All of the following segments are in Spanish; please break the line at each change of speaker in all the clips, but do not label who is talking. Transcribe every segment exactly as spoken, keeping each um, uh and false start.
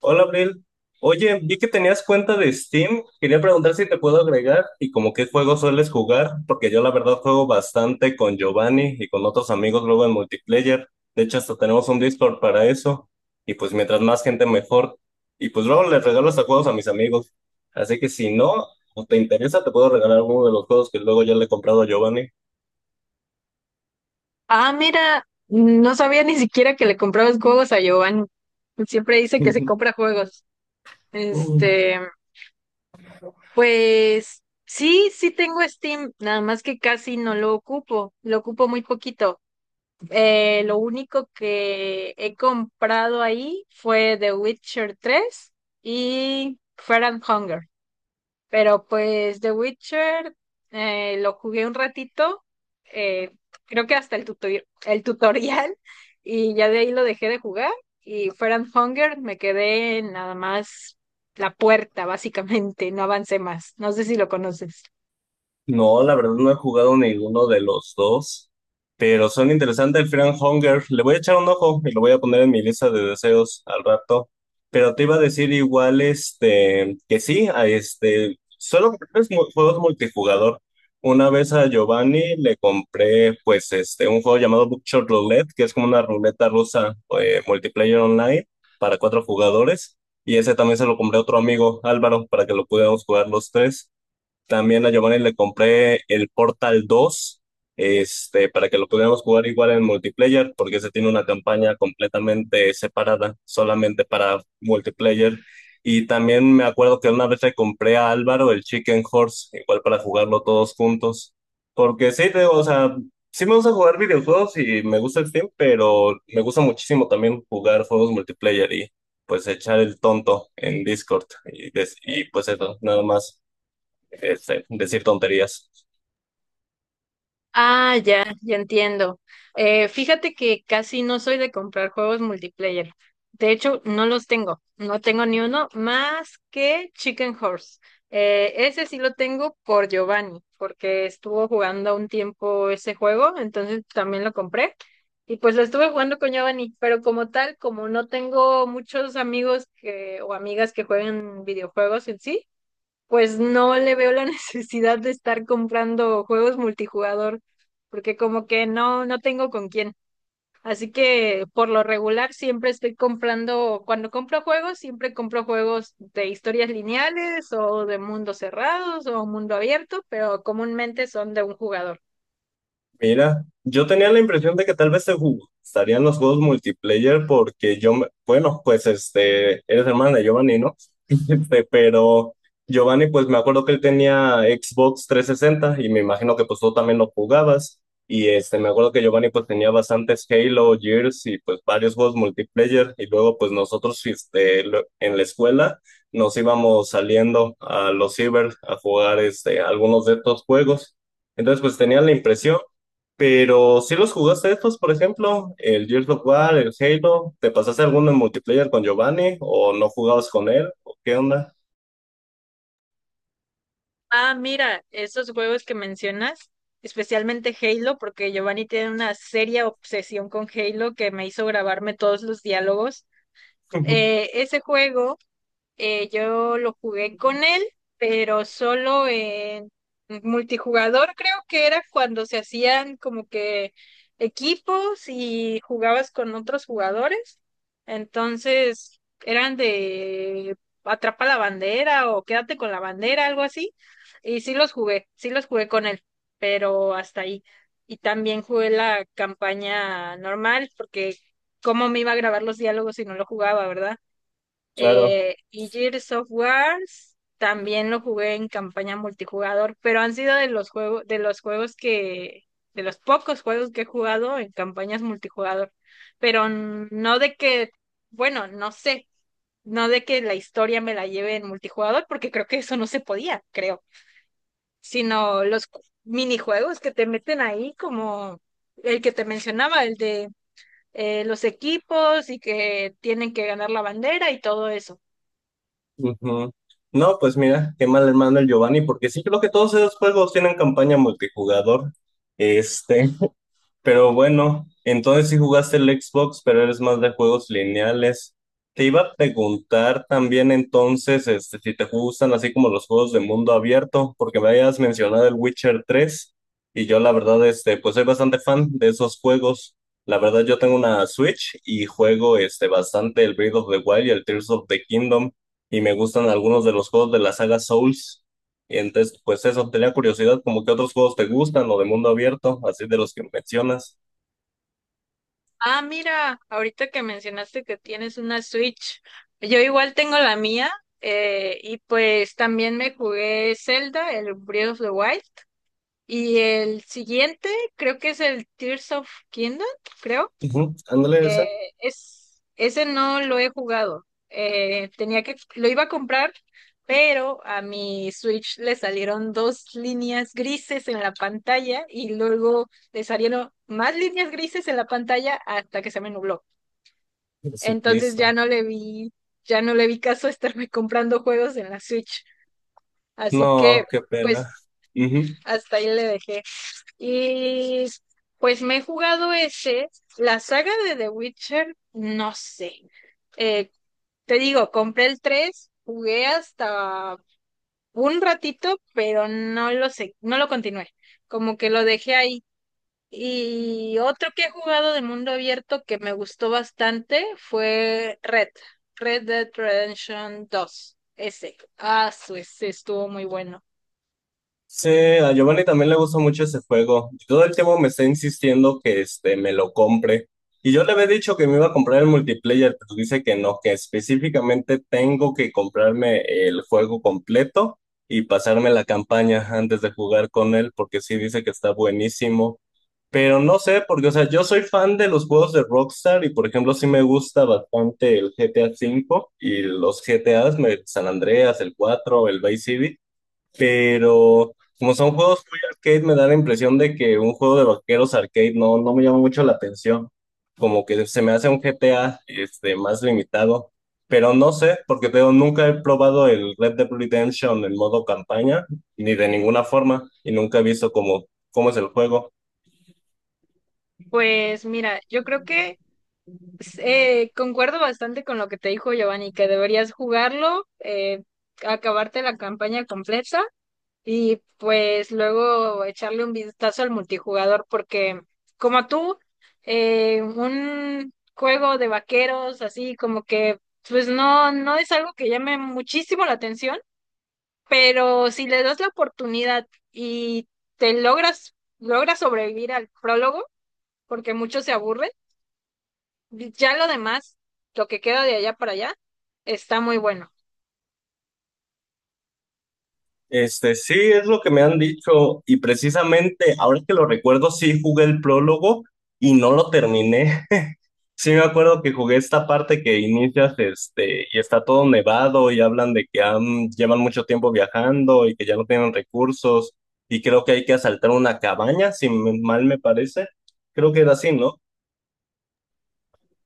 Hola, Abril. Oye, vi que tenías cuenta de Steam. Quería preguntar si te puedo agregar y como qué juegos sueles jugar, porque yo la verdad juego bastante con Giovanni y con otros amigos luego en multiplayer. De hecho, hasta tenemos un Discord para eso. Y pues mientras más gente mejor. Y pues luego les regalo hasta juegos a mis amigos. Así que si no, o te interesa, te puedo regalar uno de los juegos que luego ya le he comprado a Giovanni.
Ah, mira, no sabía ni siquiera que le comprabas juegos a Giovanni. Siempre dice que se compra juegos. Este, pues sí, sí tengo Steam, nada más que casi no lo ocupo, lo ocupo muy poquito. Eh, lo único que he comprado ahí fue The Witcher tres y Fire and Hunger. Pero pues The Witcher, eh, lo jugué un ratito, eh, creo que hasta el tutori- el tutorial, y ya de ahí lo dejé de jugar. Y Fire and Hunger me quedé en nada más la puerta, básicamente, no avancé más. No sé si lo conoces.
No, la verdad no he jugado ninguno de los dos, pero son interesantes el Friend Hunger. Le voy a echar un ojo y lo voy a poner en mi lista de deseos al rato. Pero te iba a decir igual, este, que sí, a este, solo es mu- juegos multijugador. Una vez a Giovanni le compré, pues, este, un juego llamado Bookshot Roulette, que es como una ruleta rusa, eh, multiplayer online para cuatro jugadores. Y ese también se lo compré a otro amigo, Álvaro, para que lo pudiéramos jugar los tres. También a Giovanni le compré el Portal dos este, para que lo pudiéramos jugar igual en multiplayer, porque ese tiene una campaña completamente separada, solamente para multiplayer. Y también me acuerdo que una vez le compré a Álvaro el Chicken Horse, igual para jugarlo todos juntos. Porque sí, te- o sea, sí me gusta jugar videojuegos y me gusta el Steam, pero me gusta muchísimo también jugar juegos multiplayer y pues echar el tonto en Discord y, des- y pues eso, nada más este, decir tonterías.
Ah, ya, ya entiendo. Eh, fíjate que casi no soy de comprar juegos multiplayer. De hecho, no los tengo. No tengo ni uno más que Chicken Horse. Eh, ese sí lo tengo por Giovanni, porque estuvo jugando un tiempo ese juego, entonces también lo compré. Y pues lo estuve jugando con Giovanni, pero como tal, como no tengo muchos amigos que, o amigas que jueguen videojuegos en sí, pues no le veo la necesidad de estar comprando juegos multijugador, porque como que no, no tengo con quién. Así que por lo regular siempre estoy comprando, cuando compro juegos, siempre compro juegos de historias lineales o de mundos cerrados o mundo abierto, pero comúnmente son de un jugador.
Mira, yo tenía la impresión de que tal vez se jugó. Estarían los juegos multiplayer porque yo, me- bueno, pues este, eres hermana de Giovanni, ¿no? Este, pero Giovanni, pues me acuerdo que él tenía Xbox trescientos sesenta y me imagino que pues tú también lo jugabas. Y este, me acuerdo que Giovanni pues tenía bastantes Halo, Gears y pues varios juegos multiplayer. Y luego pues nosotros este, lo- en la escuela nos íbamos saliendo a los ciber a jugar este, algunos de estos juegos. Entonces pues tenía la impresión, pero si los jugaste estos, por ejemplo, el Gears of War, el Halo, ¿te pasaste alguno en multiplayer con Giovanni o no jugabas con él? ¿Qué onda?
Ah, mira, esos juegos que mencionas, especialmente Halo, porque Giovanni tiene una seria obsesión con Halo que me hizo grabarme todos los diálogos. Eh, ese juego. Eh, yo lo jugué con él, pero solo en multijugador, creo que era cuando se hacían como que equipos y jugabas con otros jugadores. Entonces, eran de atrapa la bandera o quédate con la bandera, algo así. Y sí los jugué, sí los jugué con él, pero hasta ahí. Y también jugué la campaña normal, porque cómo me iba a grabar los diálogos si no lo jugaba, ¿verdad?
Claro.
Eh, y Gears of Wars también lo jugué en campaña multijugador, pero han sido de los juegos, de los juegos que, de los pocos juegos que he jugado en campañas multijugador. Pero n- no de que, bueno, no sé, no de que la historia me la lleve en multijugador, porque creo que eso no se podía, creo. Sino los cu- minijuegos que te meten ahí, como el que te mencionaba, el de eh, los equipos y que tienen que ganar la bandera y todo eso.
Ujú. No, pues mira, qué mal hermano el Giovanni, porque sí creo que todos esos juegos tienen campaña multijugador. Este, pero bueno, entonces sí jugaste el Xbox, pero eres más de juegos lineales. Te iba a preguntar también entonces este, si te gustan así como los juegos de mundo abierto, porque me habías mencionado el Witcher tres y yo la verdad este, pues soy bastante fan de esos juegos. La verdad yo tengo una Switch y juego este, bastante el Breath of the Wild y el Tears of the Kingdom y me gustan algunos de los juegos de la saga Souls. Y entonces, pues eso, tenía curiosidad, como que otros juegos te gustan o de mundo abierto, así de los que mencionas.
Ah, mira, ahorita que mencionaste que tienes una Switch, yo igual tengo la mía, eh, y pues también me jugué Zelda, el Breath of the Wild y el siguiente creo que es el Tears of Kingdom, creo.
Ujú, ándale
Eh,
ese.
es, ese no lo he jugado. Eh, tenía que, lo iba a comprar, pero a mi Switch le salieron dos líneas grises en la pantalla y luego le salieron más líneas grises en la pantalla hasta que se me nubló. Entonces ya
Jesucristo.
no le vi, ya no le vi caso a estarme comprando juegos en la Switch. Así que,
No, qué pena.
pues,
Ujú.
hasta ahí le dejé. Y pues me he jugado ese. La saga de The Witcher, no sé. Eh, te digo, compré el tres, jugué hasta un ratito, pero no lo sé, no lo continué. Como que lo dejé ahí. Y otro que he jugado de mundo abierto que me gustó bastante fue Red, Red Dead Redemption dos. Ese. Ah, su, ese estuvo muy bueno.
Sí, a Giovanni también le gusta mucho ese juego. Y todo el tiempo me está insistiendo que este, me lo compre. Y yo le había dicho que me iba a comprar el multiplayer, pero dice que no, que específicamente tengo que comprarme el juego completo y pasarme la campaña antes de jugar con él, porque sí dice que está buenísimo. Pero no sé, porque, o sea, yo soy fan de los juegos de Rockstar y, por ejemplo, sí me gusta bastante el G T A V y los G T As, me- San Andreas, el cuatro, el Vice City, pero como son juegos muy arcade, me da la impresión de que un juego de vaqueros arcade no, no me llama mucho la atención. Como que se me hace un G T A este, más limitado. Pero no sé, porque te digo, nunca he probado el Red Dead Redemption en modo campaña, ni de ninguna forma, y nunca he visto cómo, cómo es el juego.
Pues mira, yo creo que eh, concuerdo bastante con lo que te dijo Giovanni, que deberías jugarlo, eh, acabarte la campaña completa y pues luego echarle un vistazo al multijugador porque como tú, eh, un juego de vaqueros así como que pues no, no es algo que llame muchísimo la atención, pero si le das la oportunidad y te logras, logras sobrevivir al prólogo, porque muchos se aburren, ya lo demás, lo que queda de allá para allá, está muy bueno.
Este, sí, es lo que me han dicho, y precisamente ahora que lo recuerdo, sí jugué el prólogo y no lo terminé. Sí, me acuerdo que jugué esta parte que inicias, este, y está todo nevado y hablan de que han, llevan mucho tiempo viajando y que ya no tienen recursos y creo que hay que asaltar una cabaña, si me- mal me parece. Creo que era así, ¿no?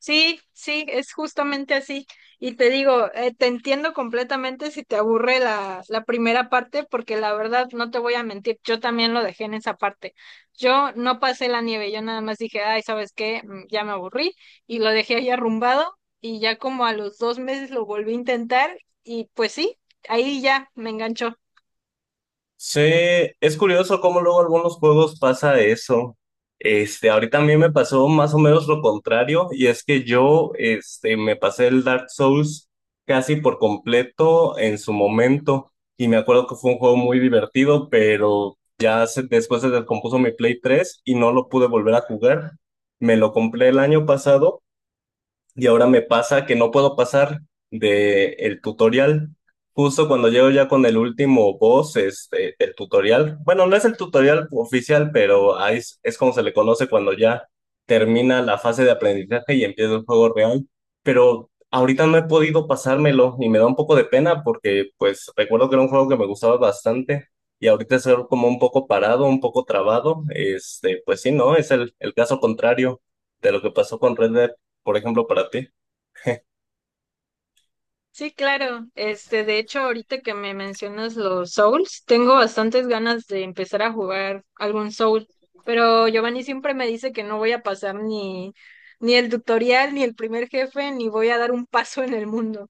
Sí, sí, es justamente así. Y te digo, eh, te entiendo completamente si te aburre la, la primera parte, porque la verdad, no te voy a mentir, yo también lo dejé en esa parte. Yo no pasé la nieve, yo nada más dije, ay, ¿sabes qué? Mm, Ya me aburrí y lo dejé ahí arrumbado y ya como a los dos meses lo volví a intentar y pues sí, ahí ya me enganchó.
Sí, es curioso cómo luego algunos juegos pasa eso. Este, ahorita a mí me pasó más o menos lo contrario, y es que yo, este, me pasé el Dark Souls casi por completo en su momento, y me acuerdo que fue un juego muy divertido, pero ya se- después se descompuso mi Play tres y no lo pude volver a jugar. Me lo compré el año pasado y ahora me pasa que no puedo pasar de el tutorial. Justo cuando llego ya con el último boss, este, el tutorial. Bueno, no es el tutorial oficial, pero ahí es, es como se le conoce cuando ya termina la fase de aprendizaje y empieza el juego real. Pero ahorita no he podido pasármelo y me da un poco de pena porque pues recuerdo que era un juego que me gustaba bastante y ahorita es algo como un poco parado, un poco trabado. Este, pues sí, no, es el, el caso contrario de lo que pasó con Red Dead por ejemplo, para ti.
Sí, claro. Este, de hecho, ahorita que me mencionas los Souls, tengo bastantes ganas de empezar a jugar algún Soul, pero Giovanni siempre me dice que no voy a pasar ni, ni el tutorial, ni el primer jefe, ni voy a dar un paso en el mundo.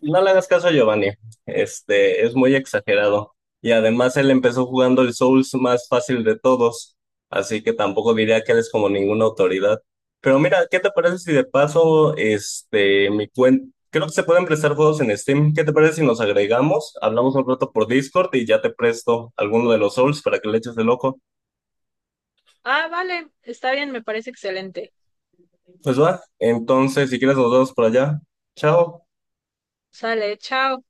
No le hagas caso a Giovanni, este, es muy exagerado. Y además él empezó jugando el Souls más fácil de todos, así que tampoco diría que él es como ninguna autoridad. Pero mira, ¿qué te parece si de paso, este, mi cuenta, creo que se pueden prestar juegos en Steam. ¿Qué te parece si nos agregamos? Hablamos un rato por Discord y ya te presto alguno de los Souls para que le eches de loco.
Ah, vale, está bien, me parece excelente.
Pues va, entonces si quieres nos vemos por allá. Chao.
Sale, chao.